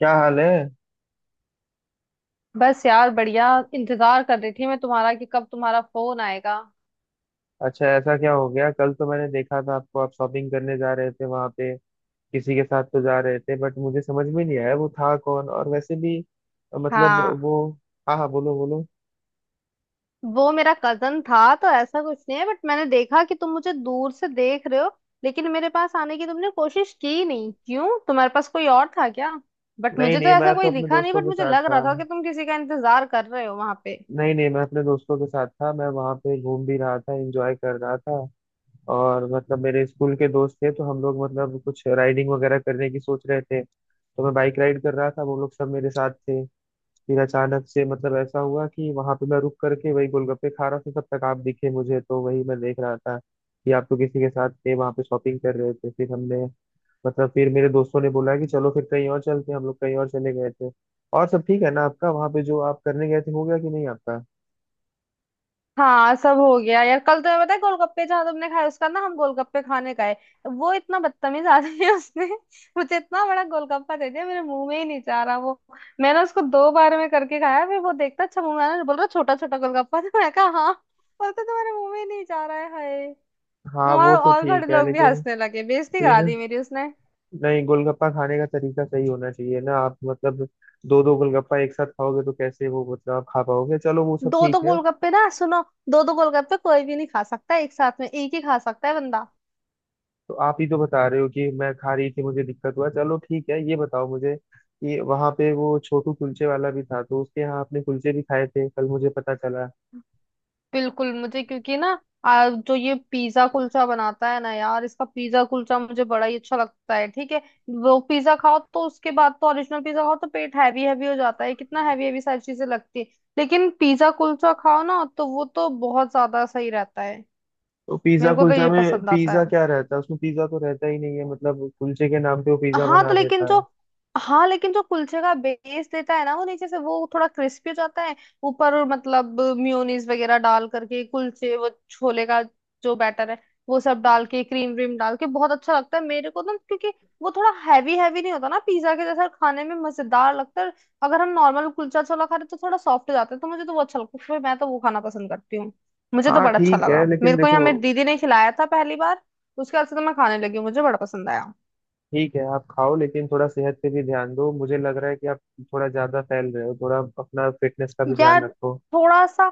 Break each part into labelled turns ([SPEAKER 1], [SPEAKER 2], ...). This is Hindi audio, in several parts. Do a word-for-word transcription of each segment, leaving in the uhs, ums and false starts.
[SPEAKER 1] क्या हाल है?
[SPEAKER 2] बस यार बढ़िया। इंतजार कर रही थी मैं तुम्हारा कि कब तुम्हारा फोन आएगा।
[SPEAKER 1] अच्छा, ऐसा क्या हो गया? कल तो मैंने देखा था आपको, आप शॉपिंग करने जा रहे थे वहां पे। किसी के साथ तो जा रहे थे बट मुझे समझ में नहीं आया वो था कौन। और वैसे भी अ, मतलब
[SPEAKER 2] हाँ।
[SPEAKER 1] वो। हाँ हाँ, बोलो बोलो।
[SPEAKER 2] वो मेरा कजन था तो ऐसा कुछ नहीं है बट मैंने देखा कि तुम मुझे दूर से देख रहे हो। लेकिन मेरे पास आने की तुमने कोशिश की नहीं, क्यों? तुम्हारे पास कोई और था क्या? बट
[SPEAKER 1] नहीं
[SPEAKER 2] मुझे तो
[SPEAKER 1] नहीं,
[SPEAKER 2] ऐसा
[SPEAKER 1] मैं तो
[SPEAKER 2] कोई
[SPEAKER 1] अपने
[SPEAKER 2] दिखा नहीं,
[SPEAKER 1] दोस्तों
[SPEAKER 2] बट
[SPEAKER 1] के
[SPEAKER 2] मुझे
[SPEAKER 1] साथ
[SPEAKER 2] लग
[SPEAKER 1] था।
[SPEAKER 2] रहा था कि तुम किसी का इंतजार कर रहे हो वहां पे।
[SPEAKER 1] नहीं नहीं, मैं अपने दोस्तों के साथ था, मैं वहां पे घूम भी रहा था, एंजॉय कर रहा था। और मतलब मेरे स्कूल के दोस्त थे तो हम लोग मतलब कुछ राइडिंग वगैरह करने की सोच रहे थे। तो मैं बाइक राइड कर रहा था, वो लोग सब मेरे साथ थे। फिर अचानक से मतलब ऐसा हुआ कि वहां पे मैं रुक करके वही गोलगप्पे खा रहा था, तब तक आप दिखे मुझे। तो वही मैं देख रहा था कि आप तो किसी के साथ थे, वहां पे शॉपिंग कर रहे थे। फिर हमने मतलब फिर मेरे दोस्तों ने बोला कि चलो फिर कहीं और चलते हैं, हम लोग कहीं और चले गए थे। और सब ठीक है ना आपका? वहां पे जो आप करने गए थे हो गया कि नहीं आपका?
[SPEAKER 2] हाँ सब हो गया यार। कल तुम्हें पता है गोलगप्पे जहाँ तुमने खाए उसका ना हम गोलगप्पे खाने गए। वो इतना बदतमीज आदमी है उसने मुझे इतना बड़ा गोलगप्पा दे दिया, मेरे मुंह में ही नहीं जा रहा वो। मैंने उसको दो बार में करके खाया, फिर वो देखता अच्छा मुंह में आ रहा है? बोल रहा छोटा छोटा गोलगप्पा तो मैं कहा हाँ, बोलते तुम्हारे मुंह में ही नहीं जा रहा है, हाय।
[SPEAKER 1] हाँ,
[SPEAKER 2] और
[SPEAKER 1] वो तो
[SPEAKER 2] और घर
[SPEAKER 1] ठीक है
[SPEAKER 2] लोग भी
[SPEAKER 1] लेकिन
[SPEAKER 2] हंसने लगे, बेइज्जती करा
[SPEAKER 1] फिर।
[SPEAKER 2] दी मेरी उसने।
[SPEAKER 1] नहीं, गोलगप्पा खाने का तरीका सही होना चाहिए ना। आप मतलब दो दो गोलगप्पा एक साथ खाओगे तो कैसे वो मतलब आप खा पाओगे? चलो वो सब
[SPEAKER 2] दो दो
[SPEAKER 1] ठीक है।
[SPEAKER 2] गोलगप्पे ना, सुनो। दो दो गोलगप्पे कोई भी नहीं खा सकता, एक साथ में एक ही खा सकता है बंदा।
[SPEAKER 1] तो आप ही तो बता रहे हो कि मैं खा रही थी मुझे दिक्कत हुआ। चलो ठीक है, ये बताओ मुझे कि वहां पे वो छोटू कुलचे वाला भी था, तो उसके यहाँ आपने कुलचे भी खाए थे कल, मुझे पता चला।
[SPEAKER 2] बिल्कुल मुझे, क्योंकि ना आ, जो ये पिज्जा कुलचा बनाता है ना यार, इसका पिज्जा कुलचा मुझे बड़ा ही अच्छा लगता है, ठीक है। वो पिज्जा खाओ तो उसके बाद तो, ओरिजिनल पिज्जा खाओ तो पेट हैवी हैवी हो जाता है, कितना हैवी हैवी सारी चीजें लगती है। लेकिन पिज्जा कुलचा खाओ ना तो वो तो बहुत ज्यादा सही रहता है।
[SPEAKER 1] तो पिज्जा
[SPEAKER 2] मेरे को तो
[SPEAKER 1] कुलचा
[SPEAKER 2] ये
[SPEAKER 1] में
[SPEAKER 2] पसंद आता
[SPEAKER 1] पिज्जा
[SPEAKER 2] है।
[SPEAKER 1] क्या रहता है? उसमें पिज्जा तो रहता ही नहीं है, मतलब कुलचे के नाम पे वो पिज्जा
[SPEAKER 2] हाँ
[SPEAKER 1] बना
[SPEAKER 2] तो लेकिन
[SPEAKER 1] देता
[SPEAKER 2] जो
[SPEAKER 1] है।
[SPEAKER 2] हाँ लेकिन जो कुलचे का बेस देता है ना, वो नीचे से वो थोड़ा क्रिस्पी हो जाता है। ऊपर मतलब मेयोनीज वगैरह डाल करके कुलचे, वो छोले का जो बैटर है वो सब डाल के, क्रीम व्रीम डाल के बहुत अच्छा लगता है मेरे को ना, क्योंकि वो थोड़ा हैवी हैवी नहीं होता ना पिज्जा के जैसा, खाने में मजेदार लगता है। अगर हम नॉर्मल कुलचा छोला खा रहे तो थोड़ा सॉफ्ट हो जाता है, तो मुझे तो वो अच्छा लगता है, फिर मैं तो वो खाना पसंद करती हूँ। मुझे तो
[SPEAKER 1] हाँ
[SPEAKER 2] बड़ा अच्छा
[SPEAKER 1] ठीक
[SPEAKER 2] लगा,
[SPEAKER 1] है लेकिन
[SPEAKER 2] मेरे को
[SPEAKER 1] देखो,
[SPEAKER 2] यहाँ मेरी दीदी ने खिलाया था पहली बार। उसके बाद से तो मैं खाने लगी, मुझे बड़ा पसंद आया।
[SPEAKER 1] ठीक है आप खाओ लेकिन थोड़ा सेहत पे भी ध्यान दो। मुझे लग रहा है कि आप थोड़ा ज्यादा फैल रहे हो, थोड़ा अपना फिटनेस का भी ध्यान
[SPEAKER 2] यार,
[SPEAKER 1] रखो।
[SPEAKER 2] थोड़ा सा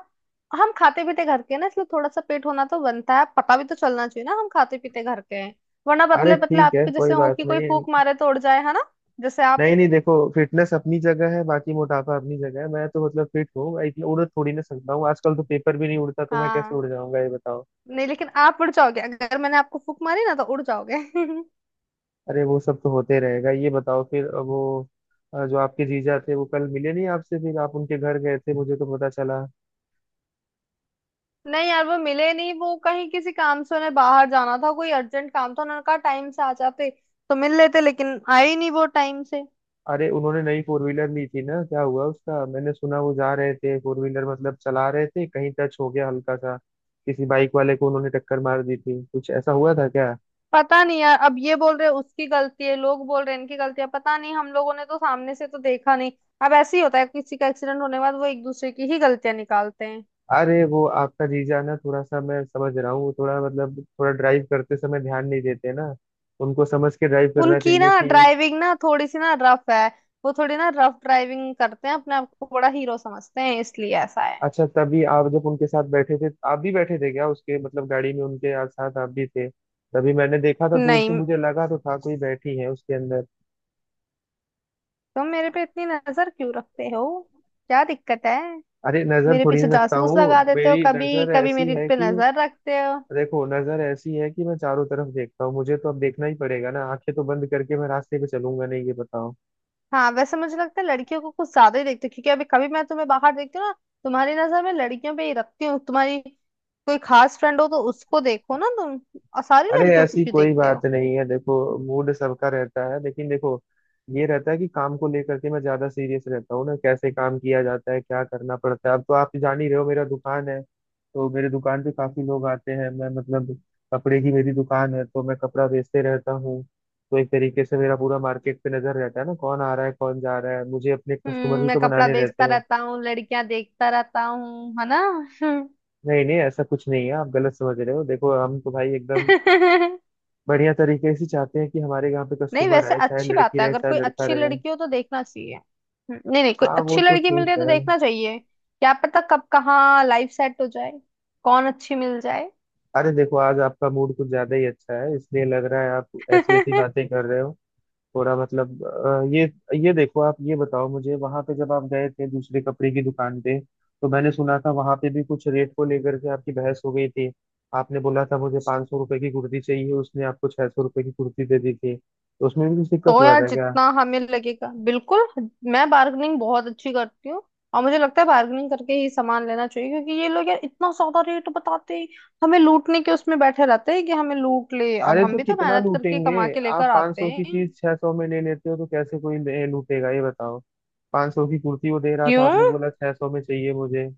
[SPEAKER 2] हम खाते पीते घर के हैं ना, इसलिए थोड़ा सा पेट होना तो बनता है, पता भी तो चलना चाहिए ना हम खाते पीते घर के हैं। वरना
[SPEAKER 1] अरे
[SPEAKER 2] पतले पतले
[SPEAKER 1] ठीक है
[SPEAKER 2] आपके
[SPEAKER 1] कोई
[SPEAKER 2] जैसे हो
[SPEAKER 1] बात
[SPEAKER 2] कि कोई
[SPEAKER 1] नहीं।
[SPEAKER 2] फूक मारे तो उड़ जाए, है ना? जैसे आप।
[SPEAKER 1] नहीं नहीं, देखो, फिटनेस अपनी जगह है, बाकी मोटापा अपनी जगह है। मैं तो मतलब फिट हूँ, मैं इतना उड़ थोड़ी ना सकता हूँ। आजकल तो पेपर भी नहीं उड़ता तो मैं कैसे
[SPEAKER 2] हाँ।
[SPEAKER 1] उड़ जाऊंगा ये बताओ।
[SPEAKER 2] नहीं लेकिन आप उड़ जाओगे, अगर मैंने आपको फूक मारी ना तो उड़ जाओगे
[SPEAKER 1] अरे वो सब तो होते रहेगा, ये बताओ फिर। अब वो अ, जो आपके जीजा थे वो कल मिले नहीं आपसे? फिर आप उनके घर गए थे मुझे तो पता चला।
[SPEAKER 2] नहीं यार वो मिले नहीं, वो कहीं किसी काम से उन्हें बाहर जाना था, कोई अर्जेंट काम था, उन्होंने कहा टाइम से आ जाते तो मिल लेते, लेकिन आए ही नहीं वो टाइम से।
[SPEAKER 1] अरे उन्होंने नई फोर व्हीलर ली थी ना, क्या हुआ उसका? मैंने सुना वो जा रहे थे फोर व्हीलर मतलब चला रहे थे, कहीं टच हो गया हल्का सा। किसी बाइक वाले को उन्होंने टक्कर मार दी थी, कुछ ऐसा हुआ था क्या?
[SPEAKER 2] पता नहीं यार, अब ये बोल रहे हैं उसकी गलती है, लोग बोल रहे हैं इनकी गलती है, पता नहीं, हम लोगों ने तो सामने से तो देखा नहीं। अब ऐसे ही होता है, किसी का एक्सीडेंट होने के बाद वो एक दूसरे की ही गलतियां निकालते हैं।
[SPEAKER 1] अरे वो आपका जीजा ना थोड़ा सा, मैं समझ रहा हूँ, वो थोड़ा मतलब थोड़ा ड्राइव करते समय ध्यान नहीं देते ना। उनको समझ के ड्राइव करना
[SPEAKER 2] उनकी
[SPEAKER 1] चाहिए
[SPEAKER 2] ना
[SPEAKER 1] कि।
[SPEAKER 2] ड्राइविंग ना थोड़ी सी ना रफ है। वो थोड़ी ना रफ ड्राइविंग करते हैं, अपने आप को बड़ा हीरो समझते हैं, इसलिए ऐसा है।
[SPEAKER 1] अच्छा तभी आप जब उनके साथ बैठे थे, आप भी बैठे थे क्या उसके मतलब गाड़ी में उनके आ- साथ आप भी थे? तभी मैंने देखा था दूर से,
[SPEAKER 2] नहीं,
[SPEAKER 1] मुझे लगा तो था कोई बैठी है उसके अंदर।
[SPEAKER 2] तुम मेरे पे इतनी नजर क्यों रखते हो? क्या दिक्कत है?
[SPEAKER 1] अरे नजर
[SPEAKER 2] मेरे
[SPEAKER 1] थोड़ी
[SPEAKER 2] पीछे
[SPEAKER 1] ना रखता
[SPEAKER 2] जासूस
[SPEAKER 1] हूँ,
[SPEAKER 2] लगा देते हो,
[SPEAKER 1] मेरी
[SPEAKER 2] कभी
[SPEAKER 1] नजर
[SPEAKER 2] कभी
[SPEAKER 1] ऐसी
[SPEAKER 2] मेरे
[SPEAKER 1] है
[SPEAKER 2] पे
[SPEAKER 1] कि
[SPEAKER 2] नजर रखते हो।
[SPEAKER 1] देखो, नजर ऐसी है कि मैं चारों तरफ देखता हूँ। मुझे तो अब देखना ही पड़ेगा ना, आंखें तो बंद करके मैं रास्ते पे चलूंगा नहीं, ये बताओ।
[SPEAKER 2] हाँ वैसे मुझे लगता है लड़कियों को कुछ ज्यादा ही देखते हो, क्योंकि अभी कभी मैं तुम्हें बाहर देखती हूँ ना, तुम्हारी नजर में लड़कियों पे ही रखती हूँ तुम्हारी। कोई खास फ्रेंड हो तो उसको देखो ना तुम, और सारी
[SPEAKER 1] अरे
[SPEAKER 2] लड़कियों को
[SPEAKER 1] ऐसी
[SPEAKER 2] क्यों
[SPEAKER 1] कोई
[SPEAKER 2] देखते
[SPEAKER 1] बात
[SPEAKER 2] हो?
[SPEAKER 1] नहीं है, देखो, मूड सबका रहता है लेकिन देखो, ये रहता है कि काम को लेकर के मैं ज्यादा सीरियस रहता हूँ ना, कैसे काम किया जाता है, क्या करना पड़ता है। अब तो आप जान ही रहे हो, मेरा दुकान है तो मेरे दुकान पे काफी लोग आते हैं, मैं मतलब कपड़े की मेरी दुकान है तो मैं कपड़ा बेचते रहता हूँ। तो एक तरीके से मेरा पूरा मार्केट पे नजर रहता है ना, कौन आ रहा है कौन जा रहा है, मुझे अपने कस्टमर
[SPEAKER 2] हम्म,
[SPEAKER 1] भी
[SPEAKER 2] मैं
[SPEAKER 1] तो
[SPEAKER 2] कपड़ा
[SPEAKER 1] बनाने रहते
[SPEAKER 2] बेचता
[SPEAKER 1] हैं।
[SPEAKER 2] रहता हूँ, लड़कियां देखता रहता हूँ, है ना? हम्म।
[SPEAKER 1] नहीं नहीं, ऐसा कुछ नहीं है, आप गलत समझ रहे हो। देखो हम तो भाई एकदम बढ़िया तरीके से चाहते हैं कि हमारे यहाँ पे
[SPEAKER 2] नहीं,
[SPEAKER 1] कस्टमर
[SPEAKER 2] वैसे
[SPEAKER 1] आए, चाहे
[SPEAKER 2] अच्छी
[SPEAKER 1] लड़की
[SPEAKER 2] बात है,
[SPEAKER 1] रहे
[SPEAKER 2] अगर
[SPEAKER 1] चाहे
[SPEAKER 2] कोई
[SPEAKER 1] लड़का
[SPEAKER 2] अच्छी
[SPEAKER 1] रहे।
[SPEAKER 2] लड़की हो तो देखना चाहिए। हम्म, नहीं नहीं, कोई
[SPEAKER 1] हाँ वो
[SPEAKER 2] अच्छी
[SPEAKER 1] तो
[SPEAKER 2] लड़की मिल रही
[SPEAKER 1] ठीक
[SPEAKER 2] है तो
[SPEAKER 1] है।
[SPEAKER 2] देखना चाहिए, क्या पता कब कहाँ लाइफ सेट हो जाए। कौन अच्छी मिल जाए।
[SPEAKER 1] अरे देखो आज आपका मूड कुछ ज्यादा ही अच्छा है, इसलिए लग रहा है आप ऐसी ऐसी बातें कर रहे हो। थोड़ा मतलब अ, ये ये देखो आप, ये बताओ मुझे वहां पे जब आप गए थे दूसरे कपड़े की दुकान पे, तो मैंने सुना था वहां पे भी कुछ रेट को लेकर के आपकी बहस हो गई थी। आपने बोला था मुझे पाँच सौ रुपए की कुर्ती चाहिए, उसने आपको छह सौ रुपए की कुर्ती दे दी थी तो उसमें भी कुछ दिक्कत
[SPEAKER 2] तो
[SPEAKER 1] हुआ
[SPEAKER 2] यार
[SPEAKER 1] था क्या?
[SPEAKER 2] जितना हमें लगेगा, बिल्कुल। मैं बार्गेनिंग बहुत अच्छी करती हूँ। और मुझे लगता है बार्गेनिंग करके ही सामान लेना चाहिए, क्योंकि ये लोग यार इतना ज्यादा रेट बताते हैं, हमें लूटने के उसमें बैठे रहते हैं कि हमें लूट ले,
[SPEAKER 1] अरे
[SPEAKER 2] अब हम
[SPEAKER 1] तो
[SPEAKER 2] भी तो
[SPEAKER 1] कितना
[SPEAKER 2] मेहनत करके
[SPEAKER 1] लूटेंगे?
[SPEAKER 2] कमा के
[SPEAKER 1] आप
[SPEAKER 2] लेकर
[SPEAKER 1] 500
[SPEAKER 2] आते
[SPEAKER 1] सौ की
[SPEAKER 2] हैं।
[SPEAKER 1] चीज 600 सौ में ले लेते हो तो कैसे कोई ले- लूटेगा ये बताओ? 500 सौ की कुर्ती वो दे रहा था,
[SPEAKER 2] क्यों?
[SPEAKER 1] आपने बोला 600 सौ में चाहिए मुझे।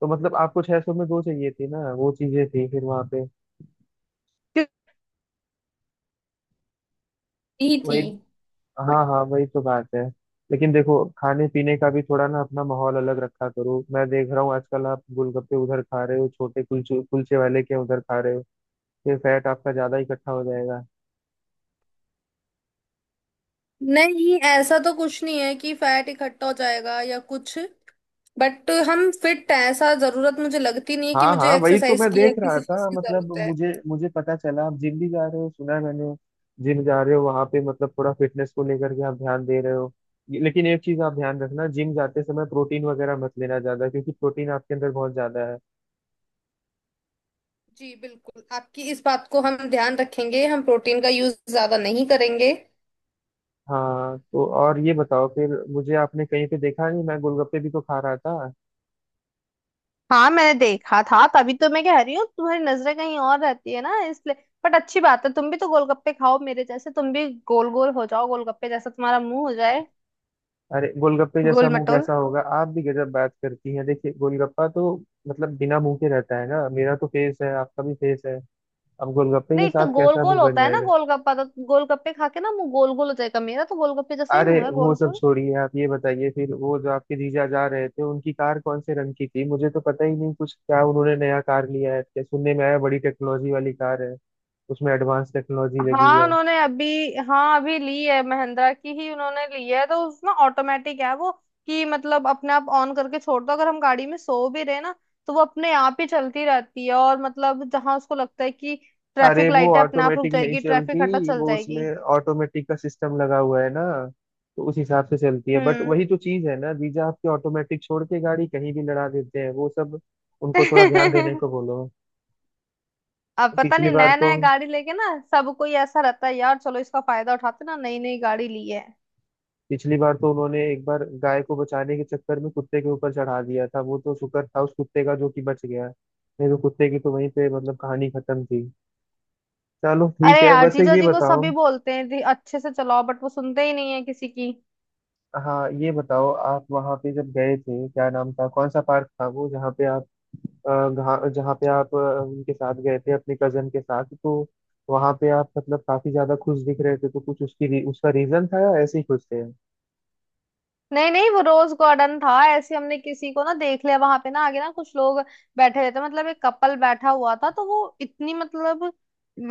[SPEAKER 1] तो मतलब आपको 600 सौ में दो चाहिए थी ना वो चीजें थी फिर वहां पे
[SPEAKER 2] क्यों- ही थी।
[SPEAKER 1] वही। हाँ हाँ वही तो बात है। लेकिन देखो खाने पीने का भी थोड़ा ना अपना माहौल अलग रखा करो। मैं देख रहा हूँ आजकल आप गोलगप्पे उधर खा रहे हो, छोटे कुलचे कुलचे वाले के उधर खा रहे हो, फिर फैट आपका ज्यादा इकट्ठा हो जाएगा।
[SPEAKER 2] नहीं, ऐसा तो कुछ नहीं है कि फैट इकट्ठा हो जाएगा या कुछ। बट हम फिट हैं, ऐसा जरूरत मुझे लगती नहीं है कि
[SPEAKER 1] हाँ हाँ
[SPEAKER 2] मुझे
[SPEAKER 1] वही तो
[SPEAKER 2] एक्सरसाइज
[SPEAKER 1] मैं
[SPEAKER 2] की या
[SPEAKER 1] देख रहा
[SPEAKER 2] किसी चीज
[SPEAKER 1] था,
[SPEAKER 2] की
[SPEAKER 1] मतलब
[SPEAKER 2] जरूरत है।
[SPEAKER 1] मुझे मुझे पता चला आप जिम भी जा रहे हो, सुना है मैंने। जिम जा रहे हो वहां पे मतलब थोड़ा फिटनेस को लेकर के आप ध्यान दे रहे हो। ये- लेकिन एक चीज आप ध्यान रखना जिम जाते समय प्रोटीन वगैरह मत लेना ज्यादा, क्योंकि प्रोटीन आपके अंदर बहुत ज्यादा है।
[SPEAKER 2] जी बिल्कुल, आपकी इस बात को हम ध्यान रखेंगे, हम प्रोटीन का यूज ज्यादा नहीं करेंगे।
[SPEAKER 1] हाँ तो और ये बताओ फिर मुझे आपने कहीं पे देखा नहीं, मैं गोलगप्पे भी तो खा रहा था।
[SPEAKER 2] हाँ मैंने देखा था, तभी तो मैं कह रही हूँ तुम्हारी नजरें कहीं और रहती है ना, इसलिए। बट अच्छी बात है, तुम भी तो गोलगप्पे खाओ मेरे जैसे, तुम भी गोल गोल हो जाओ, गोलगप्पे जैसा तुम्हारा मुंह हो जाए।
[SPEAKER 1] अरे गोलगप्पे जैसा
[SPEAKER 2] गोल
[SPEAKER 1] मुंह
[SPEAKER 2] मटोल।
[SPEAKER 1] कैसा होगा? आप भी गजब बात करती हैं, देखिए गोलगप्पा तो मतलब बिना मुंह के रहता है ना, मेरा तो फेस है आपका भी फेस है, अब गोलगप्पे के
[SPEAKER 2] नहीं तो
[SPEAKER 1] साथ
[SPEAKER 2] गोल
[SPEAKER 1] कैसा
[SPEAKER 2] गोल
[SPEAKER 1] मुंह बन
[SPEAKER 2] होता है ना
[SPEAKER 1] जाएगा?
[SPEAKER 2] गोलगप्पा, तो गोलगप्पे खा के ना मुंह गोल गोल हो जाएगा, मेरा तो गोलगप्पे जैसा ही
[SPEAKER 1] अरे
[SPEAKER 2] मुंह है,
[SPEAKER 1] वो
[SPEAKER 2] गोल
[SPEAKER 1] सब
[SPEAKER 2] गोल।
[SPEAKER 1] छोड़िए, आप ये बताइए फिर वो जो आपके जीजा जा रहे थे उनकी कार कौन से रंग की थी? मुझे तो पता ही नहीं कुछ, क्या उन्होंने नया कार लिया है क्या? सुनने में आया बड़ी टेक्नोलॉजी वाली कार है, उसमें एडवांस टेक्नोलॉजी लगी
[SPEAKER 2] हाँ
[SPEAKER 1] है।
[SPEAKER 2] उन्होंने अभी हाँ, अभी ली है महिंद्रा की ही उन्होंने ली है, तो उस ना ऑटोमेटिक है वो, कि मतलब अपने आप ऑन करके छोड़ दो, अगर हम गाड़ी में सो भी रहे ना तो वो अपने आप ही चलती रहती है, और मतलब जहां उसको लगता है कि
[SPEAKER 1] अरे
[SPEAKER 2] ट्रैफिक
[SPEAKER 1] वो
[SPEAKER 2] लाइट है अपने आप रुक
[SPEAKER 1] ऑटोमेटिक नहीं
[SPEAKER 2] जाएगी, ट्रैफिक हटा
[SPEAKER 1] चलती,
[SPEAKER 2] चल
[SPEAKER 1] वो
[SPEAKER 2] जाएगी।
[SPEAKER 1] उसमें ऑटोमेटिक का सिस्टम लगा हुआ है ना, तो उस हिसाब से चलती है। बट
[SPEAKER 2] हम्म।
[SPEAKER 1] वही तो चीज है ना, जीजा आपकी ऑटोमेटिक छोड़ के गाड़ी कहीं भी लड़ा देते हैं वो सब। उनको थोड़ा ध्यान देने को बोलो।
[SPEAKER 2] अब पता
[SPEAKER 1] पिछली
[SPEAKER 2] नहीं,
[SPEAKER 1] बार
[SPEAKER 2] नया
[SPEAKER 1] तो
[SPEAKER 2] नया गाड़ी लेके ना सबको ही ऐसा रहता है यार, चलो इसका फायदा उठाते ना, नई नई गाड़ी ली है।
[SPEAKER 1] पिछली बार तो उन्होंने एक बार गाय को बचाने के चक्कर में कुत्ते के ऊपर चढ़ा दिया था, वो तो शुक्र था उस कुत्ते का जो कि बच गया, नहीं तो कुत्ते की तो वहीं पे मतलब कहानी खत्म थी। चलो ठीक
[SPEAKER 2] अरे
[SPEAKER 1] है
[SPEAKER 2] यार
[SPEAKER 1] वैसे,
[SPEAKER 2] जीजा
[SPEAKER 1] ये
[SPEAKER 2] जी को
[SPEAKER 1] बताओ।
[SPEAKER 2] सभी बोलते हैं जी अच्छे से चलाओ, बट वो सुनते ही नहीं है किसी की।
[SPEAKER 1] हाँ ये बताओ, आप वहाँ पे जब गए थे, क्या नाम था कौन सा पार्क था वो जहाँ पे आप अ, घा- जहाँ पे आप अ, उनके साथ गए थे अपने कजन के साथ, तो वहाँ पे आप मतलब काफी ज्यादा खुश दिख रहे थे, तो कुछ उसकी री- उसका रीजन था या ऐसे ही खुश थे?
[SPEAKER 2] नहीं नहीं वो रोज गार्डन था, ऐसे हमने किसी को ना देख लिया वहां पे, ना आगे ना, कुछ लोग बैठे रहते, मतलब एक कपल बैठा हुआ था, तो वो इतनी मतलब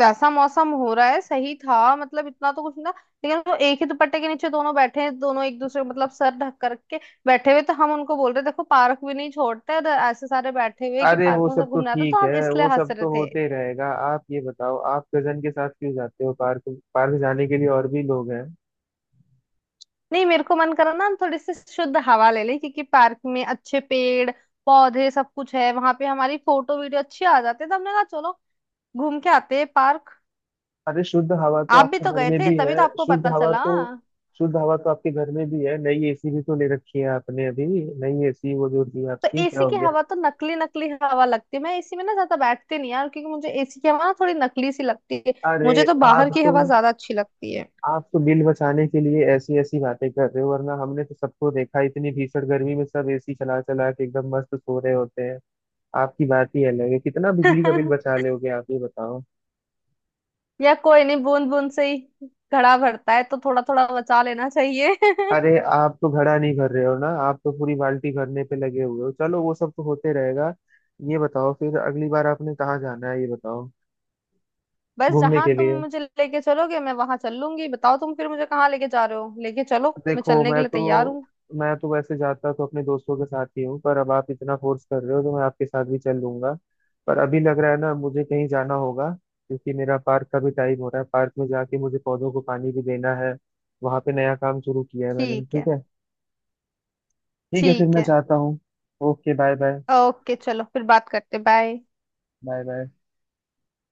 [SPEAKER 2] वैसा मौसम हो रहा है सही था, मतलब इतना तो कुछ ना। लेकिन वो एक ही दुपट्टे के नीचे दोनों बैठे हैं, दोनों एक दूसरे को मतलब सर ढक करके बैठे हुए, तो हम उनको बोल रहे देखो पार्क भी नहीं छोड़ते, और ऐसे सारे बैठे हुए कि,
[SPEAKER 1] अरे
[SPEAKER 2] पार्क
[SPEAKER 1] वो
[SPEAKER 2] में
[SPEAKER 1] सब
[SPEAKER 2] सब
[SPEAKER 1] तो
[SPEAKER 2] घूमना था,
[SPEAKER 1] ठीक
[SPEAKER 2] तो हम
[SPEAKER 1] है,
[SPEAKER 2] इसलिए
[SPEAKER 1] वो
[SPEAKER 2] हंस
[SPEAKER 1] सब
[SPEAKER 2] रहे
[SPEAKER 1] तो
[SPEAKER 2] थे।
[SPEAKER 1] होते ही रहेगा। आप ये बताओ आप कजन के साथ क्यों जाते हो पार्क? पार्क जाने के लिए और भी लोग हैं।
[SPEAKER 2] नहीं मेरे को मन करा ना, हम थोड़ी सी शुद्ध हवा ले ले, क्योंकि पार्क में अच्छे पेड़ पौधे सब कुछ है, वहां पे हमारी फोटो वीडियो अच्छी आ जाती है, तो हमने कहा चलो घूम के आते हैं पार्क।
[SPEAKER 1] अरे शुद्ध हवा तो
[SPEAKER 2] आप भी
[SPEAKER 1] आपके
[SPEAKER 2] तो
[SPEAKER 1] घर
[SPEAKER 2] गए
[SPEAKER 1] में
[SPEAKER 2] थे,
[SPEAKER 1] भी है।
[SPEAKER 2] तभी तो आपको
[SPEAKER 1] शुद्ध
[SPEAKER 2] पता
[SPEAKER 1] हवा
[SPEAKER 2] चला।
[SPEAKER 1] तो शुद्ध हवा तो आपके घर में भी है, नई एसी भी तो ले रखी है आपने अभी। नई एसी वो जो थी
[SPEAKER 2] तो
[SPEAKER 1] आपकी क्या
[SPEAKER 2] एसी
[SPEAKER 1] हो
[SPEAKER 2] की
[SPEAKER 1] गया?
[SPEAKER 2] हवा तो नकली नकली हवा लगती है, मैं एसी में ना ज्यादा बैठती नहीं यार, क्योंकि मुझे एसी की हवा ना थोड़ी नकली सी लगती है।
[SPEAKER 1] अरे
[SPEAKER 2] मुझे तो बाहर
[SPEAKER 1] आप
[SPEAKER 2] की
[SPEAKER 1] तो
[SPEAKER 2] हवा ज्यादा अच्छी लगती है।
[SPEAKER 1] आप तो बिल बचाने के लिए ऐसी ऐसी बातें कर रहे हो, वरना हमने तो सबको देखा इतनी भीषण गर्मी में सब एसी चला चला के एकदम मस्त सो रहे होते हैं। आपकी बात ही अलग है, कितना बिजली का बिल बचा लोगे आप ये बताओ।
[SPEAKER 2] या कोई नहीं, बूंद बूंद से ही घड़ा भरता है, तो थोड़ा थोड़ा बचा लेना चाहिए
[SPEAKER 1] अरे आप तो घड़ा नहीं भर रहे हो ना, आप तो पूरी बाल्टी भरने पे लगे हुए हो। चलो वो सब तो होते रहेगा, ये बताओ फिर अगली बार आपने कहाँ जाना है ये बताओ?
[SPEAKER 2] बस
[SPEAKER 1] घूमने
[SPEAKER 2] जहां
[SPEAKER 1] के
[SPEAKER 2] तुम
[SPEAKER 1] लिए।
[SPEAKER 2] मुझे लेके चलोगे मैं वहां चल लूंगी, बताओ तुम फिर मुझे कहाँ लेके जा रहे हो, लेके चलो मैं
[SPEAKER 1] देखो
[SPEAKER 2] चलने के
[SPEAKER 1] मैं
[SPEAKER 2] लिए तैयार
[SPEAKER 1] तो
[SPEAKER 2] हूँ।
[SPEAKER 1] मैं तो वैसे जाता तो अपने दोस्तों के साथ ही हूँ, पर अब आप इतना फोर्स कर रहे हो तो मैं आपके साथ भी चल लूंगा। पर अभी लग रहा है ना मुझे कहीं जाना होगा, क्योंकि मेरा पार्क का भी टाइम हो रहा है, पार्क में जाके मुझे पौधों को पानी भी देना है, वहां पे नया काम शुरू किया है मैंने।
[SPEAKER 2] ठीक
[SPEAKER 1] ठीक
[SPEAKER 2] है।
[SPEAKER 1] है, ठीक है फिर
[SPEAKER 2] ठीक
[SPEAKER 1] मैं
[SPEAKER 2] है,
[SPEAKER 1] जाता हूँ। Okay bye bye.
[SPEAKER 2] ओके चलो फिर बात करते, बाय।
[SPEAKER 1] Bye bye.